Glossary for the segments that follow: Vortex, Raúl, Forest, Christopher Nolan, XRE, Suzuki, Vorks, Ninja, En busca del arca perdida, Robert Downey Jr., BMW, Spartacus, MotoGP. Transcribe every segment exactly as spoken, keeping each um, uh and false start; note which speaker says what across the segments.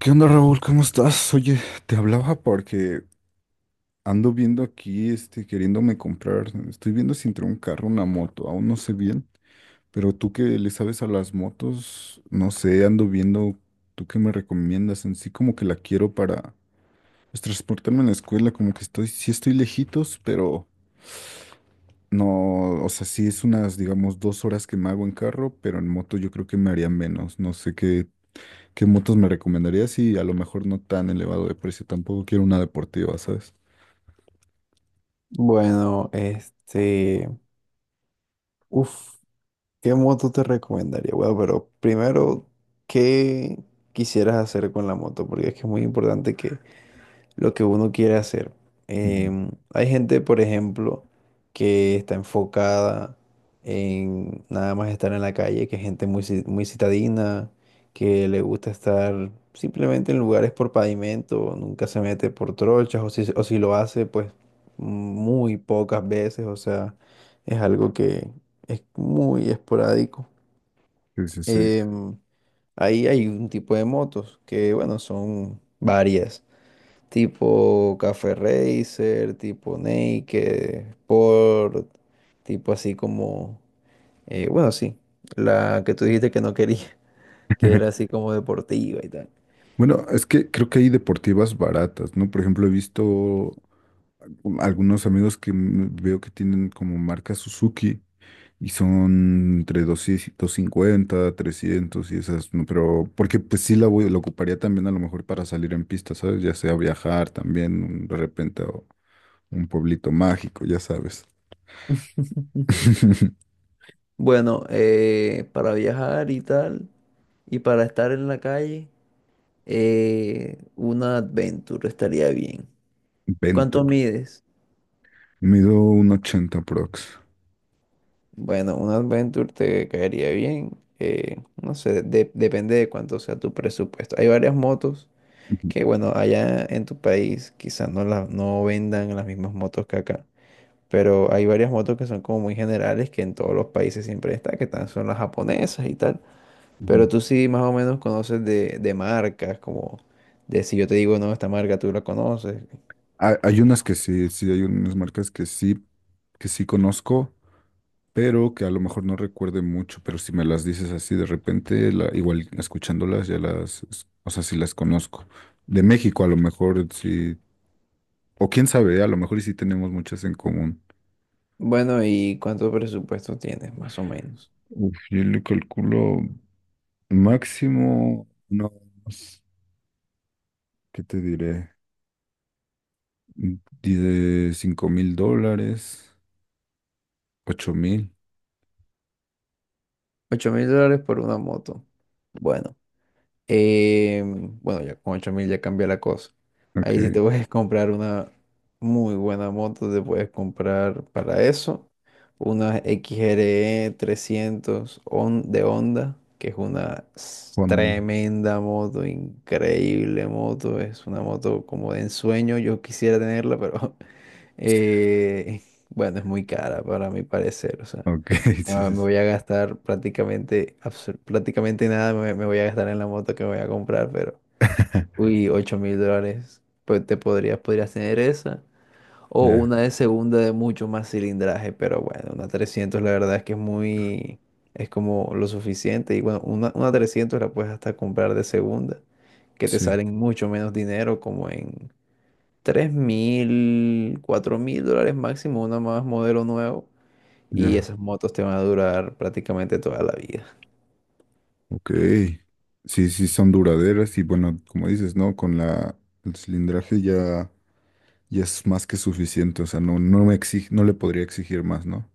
Speaker 1: ¿Qué onda, Raúl? ¿Cómo estás? Oye, te hablaba porque ando viendo aquí, este, queriéndome comprar. Estoy viendo si entre un carro, una moto, aún no sé bien, pero tú que le sabes a las motos, no sé, ando viendo, ¿tú qué me recomiendas? En sí como que la quiero para pues, transportarme a la escuela, como que estoy, sí estoy lejitos, pero no, o sea, sí es unas, digamos, dos horas que me hago en carro, pero en moto yo creo que me haría menos. No sé qué. ¿Qué motos me recomendarías? Y a lo mejor no tan elevado de precio. Tampoco quiero una deportiva, ¿sabes?
Speaker 2: Bueno, este, uf, ¿qué moto te recomendaría? Bueno, pero primero, ¿qué quisieras hacer con la moto? Porque es que es muy importante que lo que uno quiere hacer.
Speaker 1: Ujú.
Speaker 2: Em, hay gente, por ejemplo, que está enfocada en nada más estar en la calle, que es gente muy, ci- muy citadina, que le gusta estar simplemente en lugares por pavimento, nunca se mete por trochas, o si, o si lo hace, pues muy pocas veces, o sea, es algo que es muy esporádico.
Speaker 1: Sí, sí, sí.
Speaker 2: Em, Ahí hay un tipo de motos que, bueno, son varias tipo Café Racer, tipo Naked, Sport, tipo así como, eh, bueno, sí, la que tú dijiste que no quería, que era así como deportiva y tal.
Speaker 1: Bueno, es que creo que hay deportivas baratas, ¿no? Por ejemplo, he visto algunos amigos que m- veo que tienen como marca Suzuki y son entre doscientos cincuenta trescientos y esas, ¿no?, pero porque pues sí la voy, la ocuparía también a lo mejor para salir en pista, ¿sabes? Ya sea viajar también de repente a un pueblito mágico, ya sabes.
Speaker 2: Bueno, eh, para viajar y tal, y para estar en la calle, eh, una Adventure estaría bien. ¿Cuánto
Speaker 1: Venture.
Speaker 2: mides?
Speaker 1: Mido uno ochenta prox.
Speaker 2: Bueno, una Adventure te caería bien. Eh, no sé, de- depende de cuánto sea tu presupuesto. Hay varias motos
Speaker 1: Ujú,
Speaker 2: que bueno, allá en tu país quizás no, la- no vendan las mismas motos que acá, pero hay varias motos que son como muy generales que en todos los países siempre está, que tan- son las japonesas y tal, pero
Speaker 1: ujú.
Speaker 2: tú sí más o menos conoces de, de marcas, como de si yo te digo no, esta marca tú la conoces.
Speaker 1: Hay, hay unas que sí, sí, hay unas marcas que sí, que sí conozco, pero que a lo mejor no recuerde mucho, pero si me las dices así de repente, la- igual escuchándolas ya las, es- o sea, sí las conozco. De México a lo mejor sí, o quién sabe, a lo mejor y sí tenemos muchas en común.
Speaker 2: Bueno, ¿y cuánto presupuesto tienes más o menos?
Speaker 1: Uf, yo le calculo máximo unos, ¿qué te diré? Mm, di De cinco mil dólares, ocho mil.
Speaker 2: Ocho mil dólares por una moto. Bueno. Eh, bueno, ya con ocho mil ya cambia la cosa. Ahí si te puedes comprar una muy buena moto, te puedes comprar para eso una X R E trescientos Hon- de Honda, que es una s-
Speaker 1: Juan.
Speaker 2: tremenda moto, increíble moto. Es una moto como de ensueño, yo quisiera tenerla, pero eh, bueno, es muy cara para mi parecer. O sea,
Speaker 1: Ok, sí,
Speaker 2: ah,
Speaker 1: sí,
Speaker 2: me
Speaker 1: sí.
Speaker 2: voy a gastar prácticamente, absol- prácticamente nada me, me voy a gastar en la moto que me voy a comprar, pero, uy, ocho mil dólares, pues te podrías, podrías tener esa, o
Speaker 1: Ya,
Speaker 2: una de segunda de mucho más cilindraje, pero bueno, una trescientos la verdad es que es muy, es como lo suficiente, y bueno, una, una trescientos la puedes hasta comprar de segunda, que te
Speaker 1: sí,
Speaker 2: salen mucho menos dinero, como en tres mil, cuatro mil dólares máximo, una más modelo nuevo y
Speaker 1: ya.
Speaker 2: esas motos te van a durar prácticamente toda la vida.
Speaker 1: Ok. Sí, sí, son duraderas y bueno, como dices, ¿no? Con la, el cilindraje ya, ya es más que suficiente. O sea, no, no me exige, no le podría exigir más, ¿no?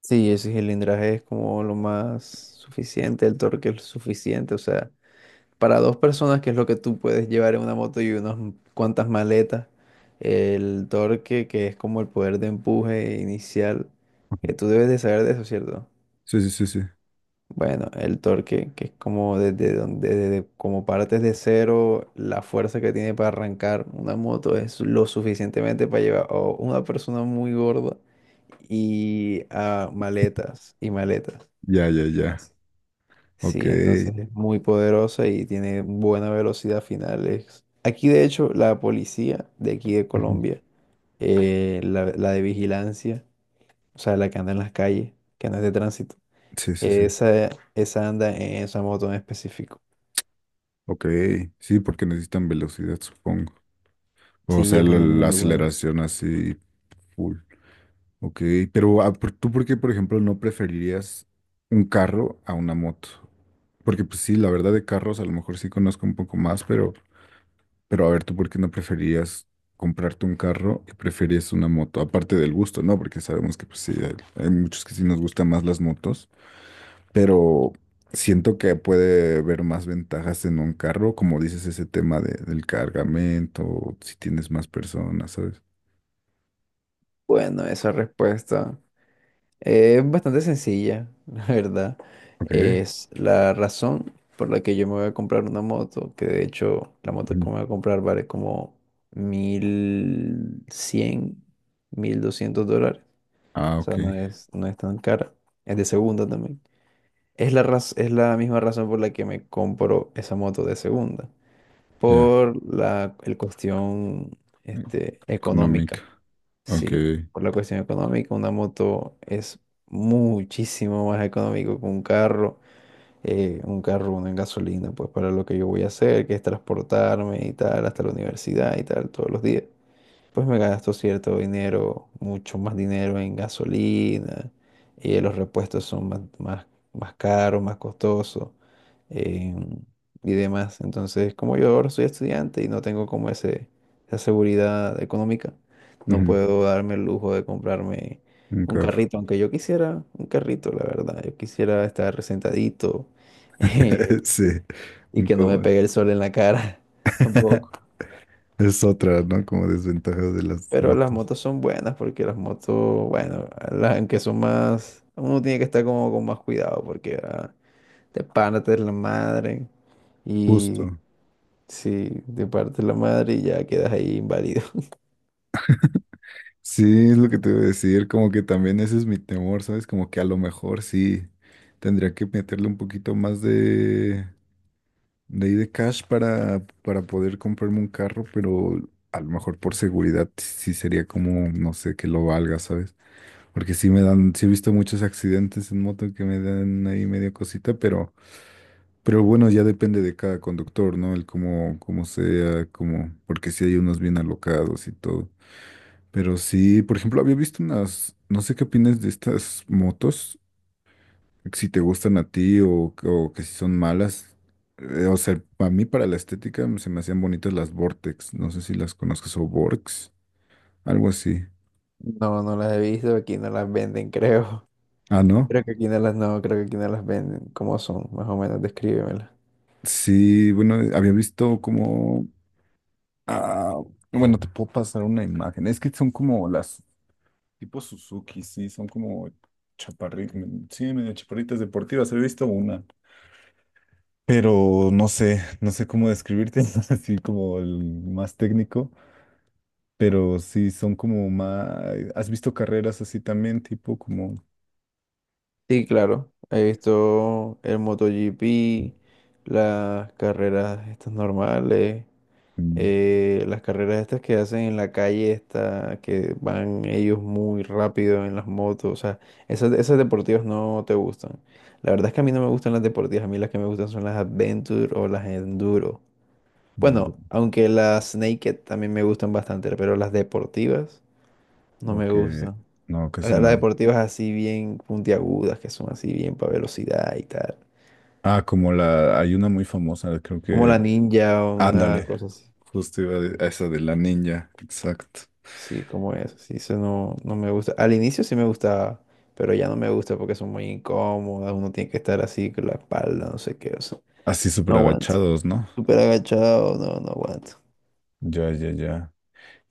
Speaker 2: Sí, ese cilindraje es como lo más suficiente, el torque es suficiente. O sea, para dos personas, que es lo que tú puedes llevar en una moto y unas cuantas maletas, el torque, que es como el poder de empuje inicial, que tú debes de saber de eso, ¿cierto?
Speaker 1: Sí, sí, sí, sí.
Speaker 2: Bueno, el torque, que es como desde donde, desde como partes de cero, la fuerza que tiene para arrancar una moto es lo suficientemente para llevar a una persona muy gorda y a maletas y maletas.
Speaker 1: Ya, ya, ya.
Speaker 2: Así.
Speaker 1: Ok.
Speaker 2: Sí, entonces es muy poderosa y tiene buena velocidad final. es- Aquí, de hecho, la policía de aquí de
Speaker 1: Ujú.
Speaker 2: Colombia, eh, la, la de vigilancia, o sea, la que anda en las calles, que no es de tránsito,
Speaker 1: Sí, sí, sí.
Speaker 2: esa, esa anda en esa moto en específico.
Speaker 1: Ok. Sí, porque necesitan velocidad, supongo. O
Speaker 2: Sí,
Speaker 1: sea,
Speaker 2: es
Speaker 1: la,
Speaker 2: una
Speaker 1: la
Speaker 2: muy buena.
Speaker 1: aceleración así full. Ok, pero ah, por- ¿tú por qué, por ejemplo, no preferirías un carro a una moto? Porque pues sí, la verdad de carros a lo mejor sí conozco un poco más, pero, pero a ver, ¿tú por qué no preferirías comprarte un carro y prefieres una moto? Aparte del gusto, ¿no? Porque sabemos que pues sí, hay, hay muchos que sí nos gustan más las motos, pero siento que puede haber más ventajas en un carro, como dices, ese tema de- del cargamento, si tienes más personas, ¿sabes?
Speaker 2: Bueno, esa respuesta. Eh, Es bastante sencilla, la verdad.
Speaker 1: Ok.
Speaker 2: Es la razón por la que yo me voy a comprar una moto, que de hecho la moto que
Speaker 1: Ujú.
Speaker 2: me voy a comprar vale como mil cien mil doscientos dólares.
Speaker 1: Ah,
Speaker 2: O
Speaker 1: ok,
Speaker 2: sea, no es, no es tan cara. Es de segunda también. Es la raz- es la misma razón por la que me compro esa moto de segunda.
Speaker 1: ya.
Speaker 2: Por la el cuestión este,
Speaker 1: Económica.
Speaker 2: económica.
Speaker 1: Ok.
Speaker 2: Sí, por la cuestión económica, una moto es muchísimo más económico que un carro. Eh, un carro, uno en gasolina, pues para lo que yo voy a hacer, que es transportarme y tal, hasta la universidad y tal, todos los días pues me gasto cierto dinero, mucho más dinero en gasolina, y los repuestos son más, más, más caros, más costosos em, y demás. Entonces, como yo ahora soy estudiante y no tengo como ese, esa seguridad económica, no
Speaker 1: Ujú.
Speaker 2: puedo darme el lujo de comprarme
Speaker 1: Un
Speaker 2: un
Speaker 1: carro.
Speaker 2: carrito, aunque yo quisiera un carrito, la verdad. Yo quisiera estar sentadito
Speaker 1: Sí,
Speaker 2: y
Speaker 1: un
Speaker 2: que no me pegue
Speaker 1: cómodo.
Speaker 2: el sol en la cara tampoco.
Speaker 1: Es otra, ¿no? Como desventaja de las
Speaker 2: Pero las
Speaker 1: motos.
Speaker 2: motos son buenas porque las motos, bueno, las que son más, uno tiene que estar como con más cuidado porque ah, te partes la madre y
Speaker 1: Justo.
Speaker 2: si te partes la madre y ya quedas ahí inválido.
Speaker 1: Sí, es lo que te iba a decir. Como que también ese es mi temor, ¿sabes? Como que a lo mejor sí tendría que meterle un poquito más de, de ahí de cash para, para poder comprarme un carro, pero a lo mejor por seguridad sí sería como, no sé, que lo valga, ¿sabes? Porque sí me dan, sí he visto muchos accidentes en moto que me dan ahí medio cosita, pero, pero bueno, ya depende de cada conductor, ¿no? El cómo, cómo sea, cómo, porque sí hay unos bien alocados y todo. Pero sí, por ejemplo, había visto unas, no sé qué opinas de estas motos, si te gustan a ti o, o que si son malas. Eh, o sea, a mí para la estética se me hacían bonitas las Vortex, no sé si las conozcas o Vorks, algo así.
Speaker 2: No, no las he visto, aquí no las venden, creo.
Speaker 1: Ah, ¿no?
Speaker 2: Creo que aquí no las, no, creo que aquí no las venden. ¿Cómo son? Más o menos, descríbemelas.
Speaker 1: Sí, bueno, había visto como. Ah, bueno, te puedo pasar una imagen. Es que son como las tipo Suzuki, sí, son como chaparritas, sí, medio chaparritas deportivas. He visto una, pero no sé, no sé cómo describirte, así como el más técnico, pero sí son como más. ¿Has visto carreras así también, tipo como?
Speaker 2: Sí, claro, he visto el MotoGP, las carreras estas normales,
Speaker 1: Mm,
Speaker 2: eh, las carreras estas que hacen en la calle, esta, que van ellos muy rápido en las motos, o sea, esas, esas deportivas no te gustan. La verdad es que a mí no me gustan las deportivas, a mí las que me gustan son las Adventure o las Enduro.
Speaker 1: mm.
Speaker 2: Bueno, aunque las Naked también me gustan bastante, pero las deportivas no me
Speaker 1: Ok,
Speaker 2: gustan.
Speaker 1: no, casi
Speaker 2: La- Las
Speaker 1: no.
Speaker 2: deportivas así bien puntiagudas, que son así bien para velocidad y tal.
Speaker 1: Ah, como la, hay una muy famosa, creo
Speaker 2: Como la
Speaker 1: que.
Speaker 2: Ninja o una
Speaker 1: Ándale,
Speaker 2: cosa así.
Speaker 1: justo iba a a esa de la ninja, exacto.
Speaker 2: Sí, como eso. Sí, eso no, no me gusta. Al inicio sí me gustaba, pero ya no me gusta porque son muy incómodas. Uno tiene que estar así con la espalda, no sé qué. O sea,
Speaker 1: Así
Speaker 2: no
Speaker 1: súper
Speaker 2: aguanto.
Speaker 1: agachados, ¿no?
Speaker 2: Súper agachado, no, no aguanto.
Speaker 1: Ya, ya, ya.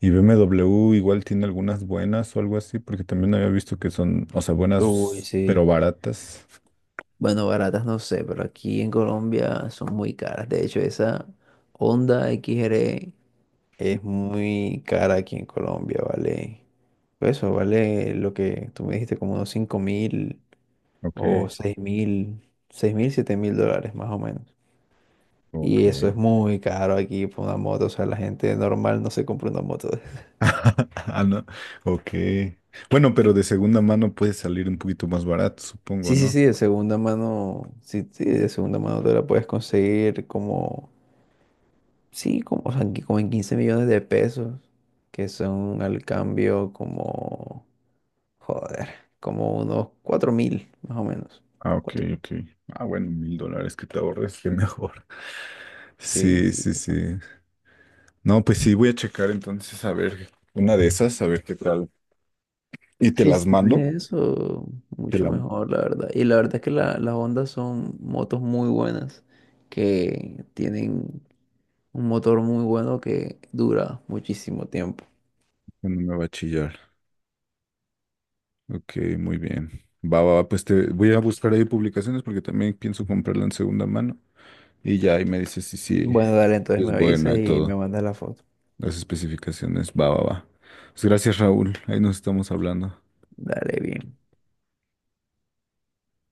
Speaker 1: Y B M W igual tiene algunas buenas o algo así, porque también había visto que son, o sea,
Speaker 2: Uy,
Speaker 1: buenas, pero
Speaker 2: sí.
Speaker 1: baratas.
Speaker 2: Bueno, baratas no sé, pero aquí en Colombia son muy caras. De hecho, esa Honda X R es muy cara aquí en Colombia, vale. Pues eso, vale lo que tú me dijiste, como unos cinco mil
Speaker 1: Ok,
Speaker 2: o seis mil, seis mil, siete mil dólares más o menos.
Speaker 1: ok.
Speaker 2: Y eso es muy caro aquí por una moto. O sea, la gente normal no se compra una moto.
Speaker 1: Ah, no. Ok. Bueno, pero de segunda mano puede salir un poquito más barato, supongo,
Speaker 2: Sí, sí,
Speaker 1: ¿no?
Speaker 2: sí, de segunda mano. Sí, sí, de segunda mano te la puedes conseguir como. Sí, como, o sea, en qui- como en quince millones de pesos. Que son al cambio como. Joder, como unos cuatro mil, más o menos.
Speaker 1: Ah, ok,
Speaker 2: Cuatro mil.
Speaker 1: ok. Ah, bueno, mil dólares que te ahorres, qué mejor.
Speaker 2: Sí,
Speaker 1: Sí,
Speaker 2: sí,
Speaker 1: sí,
Speaker 2: bastante.
Speaker 1: sí. No, pues sí, voy a checar entonces a ver una de esas, a ver qué tal. Y te
Speaker 2: Sí, si
Speaker 1: las
Speaker 2: tienes
Speaker 1: mando.
Speaker 2: eso,
Speaker 1: Te
Speaker 2: mucho
Speaker 1: la-.
Speaker 2: mejor, la verdad. Y la verdad es que la- las Hondas son motos muy buenas que tienen. Un motor muy bueno que dura muchísimo tiempo.
Speaker 1: Cuando me va a chillar. Ok, muy bien. Va, va, va, pues te voy a buscar ahí publicaciones porque también pienso comprarla en segunda mano. Y ya ahí me dices si sí,
Speaker 2: Bueno, dale, entonces me
Speaker 1: es
Speaker 2: avisas
Speaker 1: buena y
Speaker 2: y me
Speaker 1: todo.
Speaker 2: mandas la foto.
Speaker 1: Las especificaciones. Va, va, va. Pues gracias, Raúl. Ahí nos estamos hablando.
Speaker 2: Dale, bien.